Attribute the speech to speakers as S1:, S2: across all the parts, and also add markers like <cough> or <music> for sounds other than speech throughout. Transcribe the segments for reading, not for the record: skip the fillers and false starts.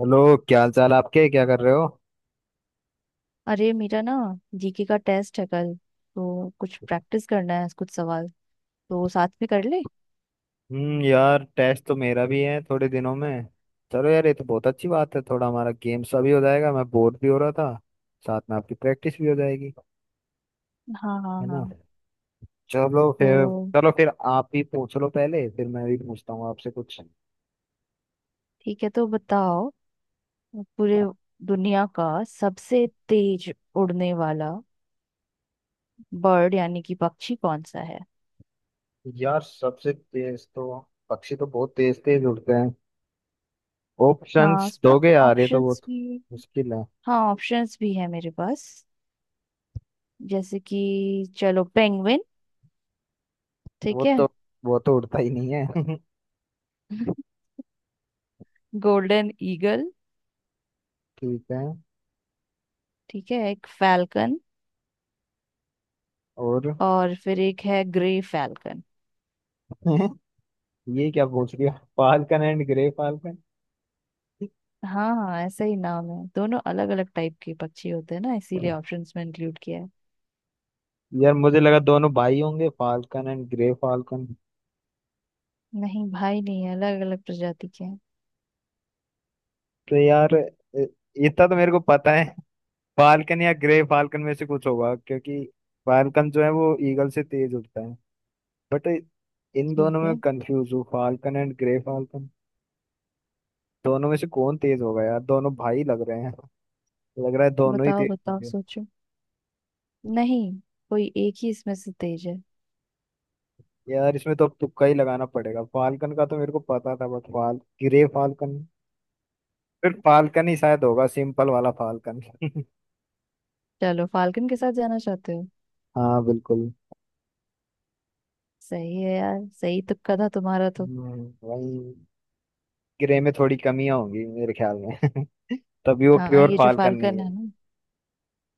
S1: Hello, क्या हाल चाल आपके? क्या कर रहे हो?
S2: अरे मेरा ना, जीके का टेस्ट है कल, तो कुछ प्रैक्टिस करना है, कुछ सवाल तो साथ में कर ले।
S1: यार, टेस्ट तो मेरा भी है थोड़े दिनों में। चलो यार, ये तो बहुत अच्छी बात है। थोड़ा हमारा गेम सा भी हो जाएगा, मैं बोर भी हो रहा था। साथ में आपकी प्रैक्टिस भी हो जाएगी,
S2: हाँ हाँ
S1: है
S2: हाँ।
S1: ना। चलो फिर।
S2: तो
S1: चलो फिर, आप भी पूछ लो पहले, फिर मैं भी पूछता हूँ आपसे कुछ।
S2: ठीक है, तो बताओ। पूरे दुनिया का सबसे तेज उड़ने वाला बर्ड यानी कि पक्षी कौन सा है?
S1: यार, सबसे तेज तो... पक्षी तो बहुत तेज तेज उड़ते हैं।
S2: हाँ,
S1: ऑप्शंस
S2: उसमें
S1: दोगे यार? ये तो
S2: ऑप्शंस
S1: बहुत
S2: भी।
S1: मुश्किल है।
S2: हाँ, ऑप्शंस भी है मेरे पास। जैसे कि, चलो पेंगुइन,
S1: वो
S2: ठीक है।
S1: तो वो तो उड़ता ही नहीं है <laughs>
S2: <laughs> गोल्डन ईगल,
S1: ठीक है।
S2: ठीक है, एक फैल्कन,
S1: और...
S2: और फिर एक है ग्रे फैल्कन।
S1: <laughs> ये क्या पूछ लिया। Falcon and grey falcon.
S2: हाँ हाँ, ऐसा ही नाम है, दोनों अलग अलग टाइप के पक्षी होते हैं ना, इसीलिए ऑप्शंस में इंक्लूड किया है।
S1: यार, मुझे लगा दोनों भाई होंगे, फाल्कन एंड ग्रे फाल्कन।
S2: नहीं भाई, नहीं है, अलग अलग प्रजाति के हैं।
S1: तो यार इतना तो मेरे को पता है। फाल्कन या ग्रे फाल्कन में से कुछ होगा, क्योंकि फाल्कन जो है वो ईगल से तेज उड़ता है। बट इन
S2: ठीक
S1: दोनों में
S2: है,
S1: कंफ्यूज हूँ, फाल्कन एंड ग्रे फाल्कन। दोनों में से कौन तेज होगा यार? दोनों भाई लग रहे हैं, लग रहा है दोनों ही
S2: बताओ
S1: तेज
S2: बताओ,
S1: होंगे।
S2: सोचो। नहीं, कोई एक ही इसमें से तेज है।
S1: यार, इसमें तो अब तुक्का ही लगाना पड़ेगा। फाल्कन का तो मेरे को पता था, बट फाल ग्रे फाल्कन... फिर फाल्कन ही शायद होगा, सिंपल वाला फाल्कन <laughs>
S2: चलो, फाल्कन के साथ जाना चाहते हो।
S1: हाँ, बिल्कुल।
S2: सही है यार, सही तुक्का था तुम्हारा तो।
S1: वही। ग्रे में थोड़ी कमियां होंगी मेरे ख्याल में। <laughs> तभी वो
S2: हाँ,
S1: प्योर
S2: ये जो
S1: फाल्कन नहीं
S2: फाल्कन
S1: है।
S2: है ना,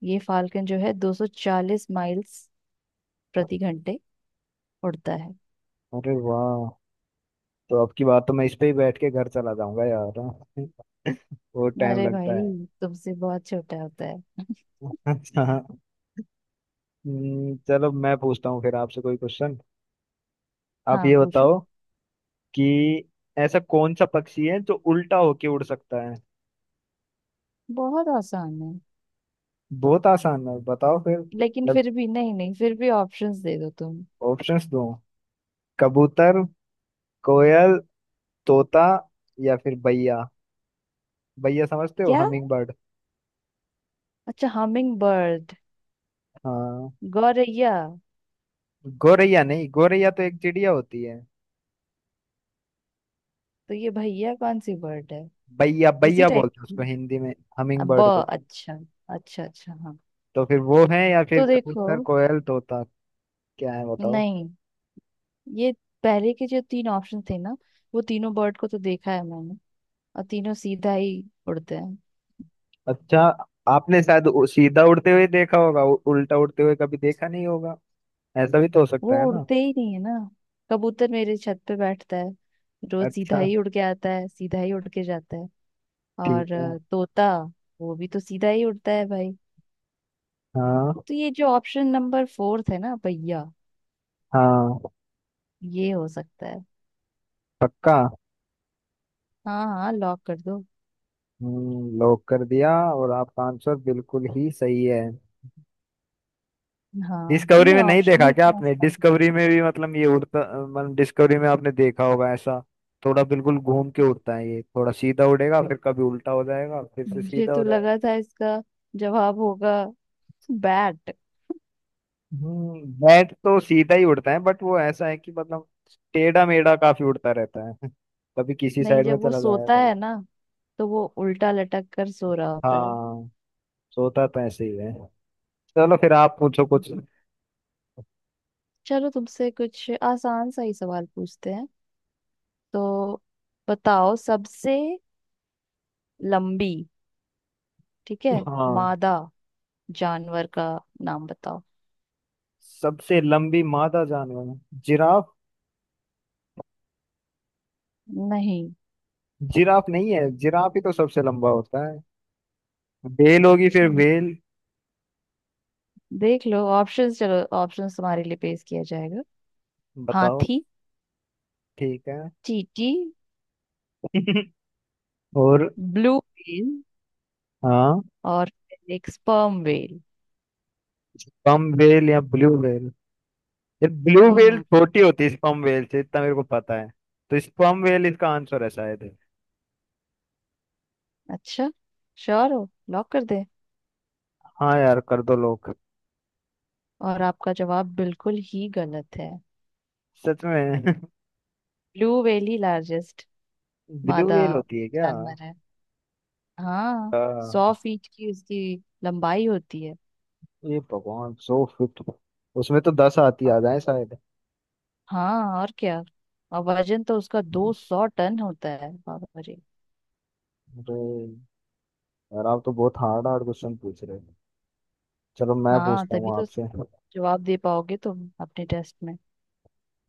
S2: ये फाल्कन जो है 240 माइल्स प्रति घंटे उड़ता है।
S1: अरे वाह, तो अब की बात तो मैं इस पे ही बैठ के घर चला जाऊंगा यार <laughs> वो टाइम
S2: अरे
S1: लगता
S2: भाई,
S1: है
S2: तुमसे बहुत छोटा होता है।
S1: <laughs> अच्छा। चलो मैं पूछता हूँ फिर आपसे कोई क्वेश्चन। आप
S2: हाँ
S1: ये
S2: पूछो।
S1: बताओ कि ऐसा कौन सा पक्षी है जो उल्टा होके उड़ सकता है?
S2: बहुत आसान है।
S1: बहुत आसान है? बताओ फिर।
S2: लेकिन फिर भी, नहीं नहीं, फिर भी ऑप्शंस दे दो तुम।
S1: ऑप्शंस दो। कबूतर, कोयल, तोता, या फिर बैया। बैया समझते हो?
S2: क्या?
S1: Hummingbird.
S2: अच्छा, हमिंग बर्ड।
S1: हाँ।
S2: गौरैया।
S1: गोरैया नहीं, गोरैया तो एक चिड़िया होती है।
S2: तो ये भैया कौन सी बर्ड है?
S1: बैया
S2: उसी
S1: बैया
S2: टाइप
S1: बोलते हैं उसको
S2: की।
S1: हिंदी में। हमिंग
S2: अब ब
S1: बर्ड को।
S2: अच्छा। अच्छा अच्छा, हाँ।
S1: तो फिर वो है, या फिर
S2: तो देखो।
S1: कबूतर, कोयल, तोता? क्या है बताओ।
S2: नहीं, ये पहले के जो तीन ऑप्शन थे ना, वो तीनों बर्ड को तो देखा है मैंने, और तीनों सीधा ही उड़ते हैं।
S1: अच्छा। आपने शायद सीधा उड़ते हुए देखा होगा, उल्टा उड़ते हुए कभी देखा नहीं होगा। ऐसा भी तो हो
S2: वो
S1: सकता है ना।
S2: उड़ते ही नहीं है ना। कबूतर मेरे छत पे बैठता है, रोज सीधा
S1: अच्छा।
S2: ही उड़ के आता है, सीधा ही उड़ के जाता है।
S1: ठीक
S2: और
S1: है।
S2: तोता, वो भी तो सीधा ही उड़ता है भाई।
S1: हाँ।
S2: तो ये जो ऑप्शन नंबर फोर्थ है ना भैया,
S1: हाँ,
S2: ये हो सकता है।
S1: पक्का।
S2: हाँ हाँ, लॉक कर दो।
S1: लॉक कर दिया, और आपका आंसर बिल्कुल ही सही है।
S2: हाँ,
S1: डिस्कवरी
S2: तुमने
S1: में नहीं
S2: ऑप्शन
S1: देखा
S2: ही
S1: क्या
S2: इतने
S1: आपने?
S2: आसान दिए।
S1: डिस्कवरी में भी मतलब ये उड़ता... मतलब डिस्कवरी में आपने देखा होगा ऐसा। थोड़ा बिल्कुल घूम के उड़ता है ये, थोड़ा सीधा उड़ेगा, फिर कभी उल्टा हो जाएगा, फिर से
S2: मुझे
S1: सीधा
S2: तो
S1: हो जाएगा।
S2: लगा था इसका जवाब होगा बैट।
S1: बैट तो सीधा ही उड़ता है, बट वो ऐसा है कि मतलब... टेढ़ा मेढ़ा काफी उड़ता रहता है <laughs> कभी किसी
S2: नहीं,
S1: साइड में
S2: जब वो
S1: चला जाएगा,
S2: सोता
S1: कभी...
S2: है ना, तो वो उल्टा लटक कर सो रहा होता है।
S1: हाँ, सोता तो ऐसे ही है। चलो फिर आप पूछो कुछ।
S2: चलो, तुमसे कुछ आसान सा ही सवाल पूछते हैं। तो बताओ, सबसे लंबी, ठीक है,
S1: हाँ,
S2: मादा जानवर का नाम बताओ।
S1: सबसे लंबी मादा जानवर... जिराफ।
S2: नहीं।
S1: जिराफ नहीं है? जिराफ ही तो सबसे लंबा होता है। बेल होगी फिर, बेल।
S2: देख लो ऑप्शंस, चलो ऑप्शंस तुम्हारे लिए पेश किया जाएगा।
S1: बताओ।
S2: हाथी,
S1: ठीक है।
S2: चींटी,
S1: <laughs> और...
S2: ब्लू व्हेल,
S1: हाँ।
S2: और एक स्पर्म व्हेल।
S1: स्पम वेल या ब्लू वेल? यार, ब्लू वेल
S2: हम्म।
S1: छोटी होती है स्पम वेल से, इतना मेरे को पता है। तो स्पम वेल इसका आंसर है शायद।
S2: अच्छा, श्योर हो, लॉक कर दे।
S1: हाँ यार, कर दो लोग।
S2: और आपका जवाब बिल्कुल ही गलत है।
S1: सच में?
S2: ब्लू व्हेल ही लार्जेस्ट
S1: <laughs> ब्लू
S2: मादा
S1: वेल होती है क्या?
S2: जानवर है। हाँ,
S1: आ,
S2: 100 फीट की उसकी लंबाई होती है।
S1: ये भगवान, 100 फिट। उसमें तो 10 आती
S2: और-
S1: आ जाए शायद।
S2: हाँ, और क्या, और वजन तो उसका 200 टन होता है। बाबा रे।
S1: अरे यार, आप तो बहुत हार्ड हार्ड क्वेश्चन पूछ रहे हो। चलो मैं
S2: हाँ
S1: पूछता
S2: तभी
S1: हूँ
S2: तो,
S1: आपसे।
S2: जवाब दे पाओगे तुम अपने टेस्ट में।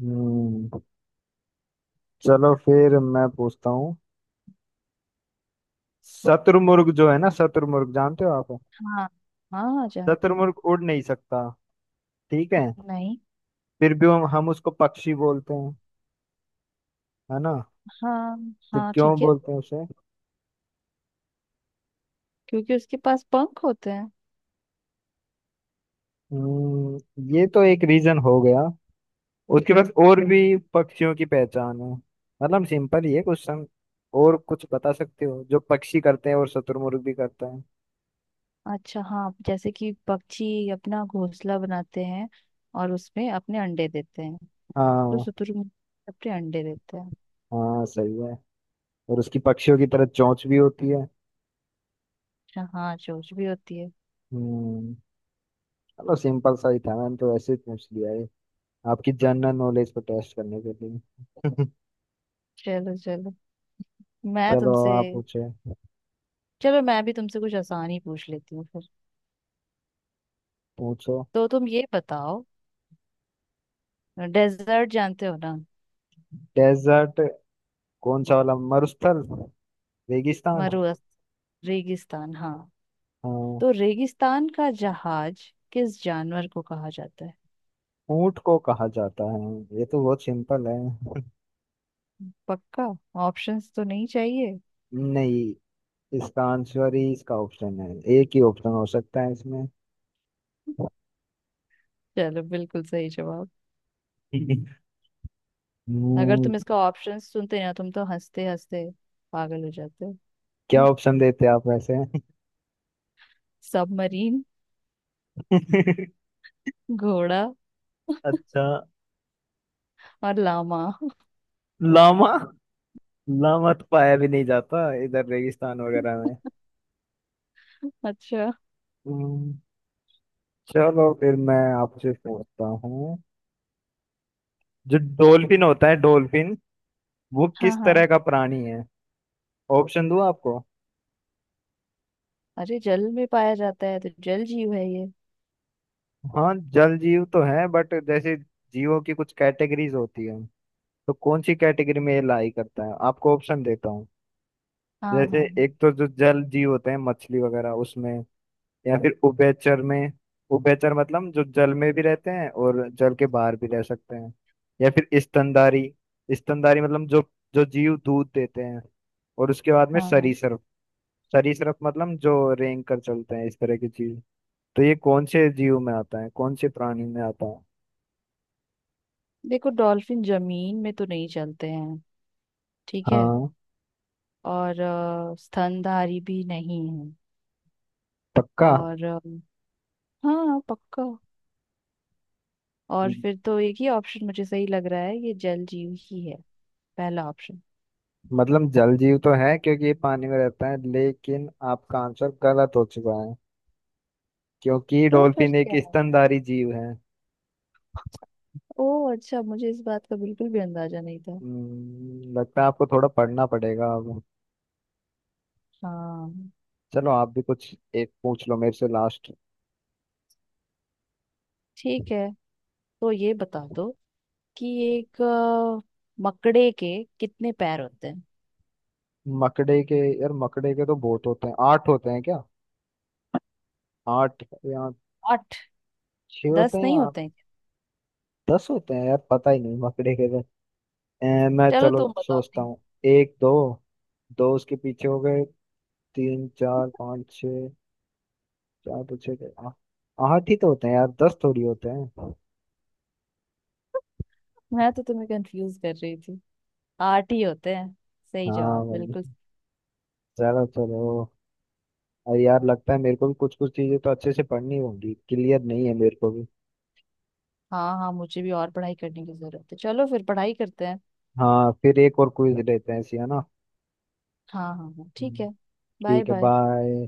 S1: हम्म चलो फिर मैं पूछता हूँ। शत्रुमुर्ग जो है ना, शत्रुमुर्ग जानते हो आप?
S2: हाँ हाँ, जानते हैं।
S1: शत्रुमुर्ग उड़ नहीं सकता, ठीक है?
S2: नहीं।
S1: फिर भी हम उसको पक्षी बोलते हैं, है ना?
S2: हाँ
S1: तो
S2: हाँ,
S1: क्यों
S2: ठीक है।
S1: बोलते हैं उसे?
S2: क्योंकि उसके पास पंख होते हैं।
S1: हम्म, ये तो एक रीजन हो गया। उसके बाद और भी पक्षियों की पहचान है। मतलब सिंपल ही है क्वेश्चन। और कुछ बता सकते हो जो पक्षी करते हैं और शत्रुमुर्ग भी करता है?
S2: अच्छा हाँ, जैसे कि पक्षी अपना घोंसला बनाते हैं और उसमें अपने अंडे देते हैं। तो
S1: हाँ,
S2: शुतुरमुर्ग अपने अंडे देते हैं।
S1: हाँ सही है। और उसकी पक्षियों की तरह चोंच भी होती है।
S2: अच्छा हाँ, चोंच भी होती है।
S1: हम्म चलो, सिंपल सा ही था, मैंने तो वैसे ही पूछ लिया, आपकी जनरल नॉलेज को टेस्ट करने के लिए <laughs>
S2: चलो चलो, मैं
S1: चलो
S2: तुमसे,
S1: आप पूछे।
S2: चलो मैं भी तुमसे कुछ आसान ही पूछ लेती हूँ फिर।
S1: पूछो।
S2: तो तुम ये बताओ, डेजर्ट जानते हो ना।
S1: डेजर्ट... कौन सा वाला? मरुस्थल, रेगिस्तान?
S2: मरुस्थल, रेगिस्तान, हाँ।
S1: हाँ।
S2: तो रेगिस्तान का जहाज किस जानवर को कहा जाता है?
S1: ऊंट को कहा जाता है, ये तो बहुत सिंपल है।
S2: पक्का। ऑप्शंस तो नहीं चाहिए।
S1: <laughs> नहीं, इसका आंसर ही इसका ऑप्शन है, एक ही ऑप्शन हो सकता है इसमें।
S2: चलो, बिल्कुल सही जवाब।
S1: <laughs>
S2: अगर
S1: हम्म,
S2: तुम इसका ऑप्शंस सुनते ना, तुम तो हंसते हंसते पागल हो जाते।
S1: क्या ऑप्शन देते आप वैसे?
S2: सबमरीन,
S1: <laughs>
S2: घोड़ा,
S1: अच्छा।
S2: और लामा।
S1: लामा? लामा तो पाया भी नहीं जाता इधर रेगिस्तान वगैरह
S2: <laughs> अच्छा।
S1: में। चलो फिर मैं आपसे पूछता हूँ। जो डॉल्फिन होता है, डॉल्फिन वो
S2: हाँ
S1: किस
S2: हाँ।
S1: तरह का प्राणी है? ऑप्शन दूँ आपको?
S2: अरे, जल में पाया जाता है तो जल जीव है ये।
S1: हाँ, जल जीव तो है, बट जैसे... जीवों की कुछ कैटेगरीज होती है, तो कौन सी कैटेगरी में ये लाई करता है? आपको ऑप्शन देता हूँ।
S2: हाँ
S1: जैसे
S2: हाँ
S1: एक तो जो जल जीव होते हैं, मछली वगैरह उसमें, या फिर उभयचर में। उभयचर मतलब जो जल में भी रहते हैं और जल के बाहर भी रह सकते हैं। या फिर स्तनधारी। स्तनधारी मतलब जो जो जीव दूध देते हैं। और उसके बाद में
S2: हाँ हाँ हाँ।
S1: सरीसृप। सरीसृप मतलब जो रेंग कर चलते हैं, इस तरह की चीज। तो ये कौन से जीव में आता है, कौन से प्राणी में आता है?
S2: देखो, डॉल्फिन जमीन में तो नहीं चलते हैं, ठीक है।
S1: हाँ,
S2: और स्तनधारी भी नहीं है।
S1: पक्का।
S2: और हाँ पक्का। और फिर तो एक ही ऑप्शन मुझे सही लग रहा है, ये जल जीव ही है, पहला ऑप्शन।
S1: मतलब जल जीव तो है क्योंकि ये पानी में रहता है, लेकिन आपका आंसर गलत हो चुका है, क्योंकि
S2: तो फिर
S1: डॉल्फिन एक
S2: क्या है?
S1: स्तनधारी जीव है।
S2: ओ अच्छा, मुझे इस बात का बिल्कुल भी अंदाजा नहीं था।
S1: लगता है आपको थोड़ा पढ़ना पड़ेगा अब।
S2: हाँ
S1: चलो आप भी कुछ एक पूछ लो मेरे से, लास्ट।
S2: ठीक है। तो ये बता दो कि एक मकड़े के कितने पैर होते हैं?
S1: मकड़े के... यार, मकड़े के तो बहुत होते हैं। आठ होते हैं क्या? आठ, या
S2: आठ।
S1: छह होते
S2: 10
S1: हैं, या
S2: नहीं होते
S1: आठ,
S2: हैं?
S1: 10 होते हैं? यार पता ही नहीं मकड़े के तो। मैं
S2: चलो
S1: चलो
S2: तुम बताओ,
S1: सोचता
S2: नहीं।
S1: हूँ। एक, दो, दो उसके पीछे हो गए। तीन, चार, पाँच, छः। चार तो छः गए, आठ ही तो होते हैं यार, 10 थोड़ी होते हैं।
S2: मैं तो तुम्हें कंफ्यूज कर रही थी, आठ ही होते हैं। सही जवाब
S1: हाँ।
S2: बिल्कुल।
S1: चलो चलो। अरे यार, लगता है मेरे को भी कुछ कुछ चीजें तो अच्छे से पढ़नी होंगी, क्लियर नहीं है मेरे को भी।
S2: हाँ हाँ, मुझे भी और पढ़ाई करने की जरूरत है, चलो फिर पढ़ाई करते हैं।
S1: हाँ, फिर एक और क्विज लेते हैं ऐसी, है ना?
S2: हाँ हाँ हाँ, ठीक
S1: हम्म।
S2: है। बाय
S1: ठीक है,
S2: बाय।
S1: बाय।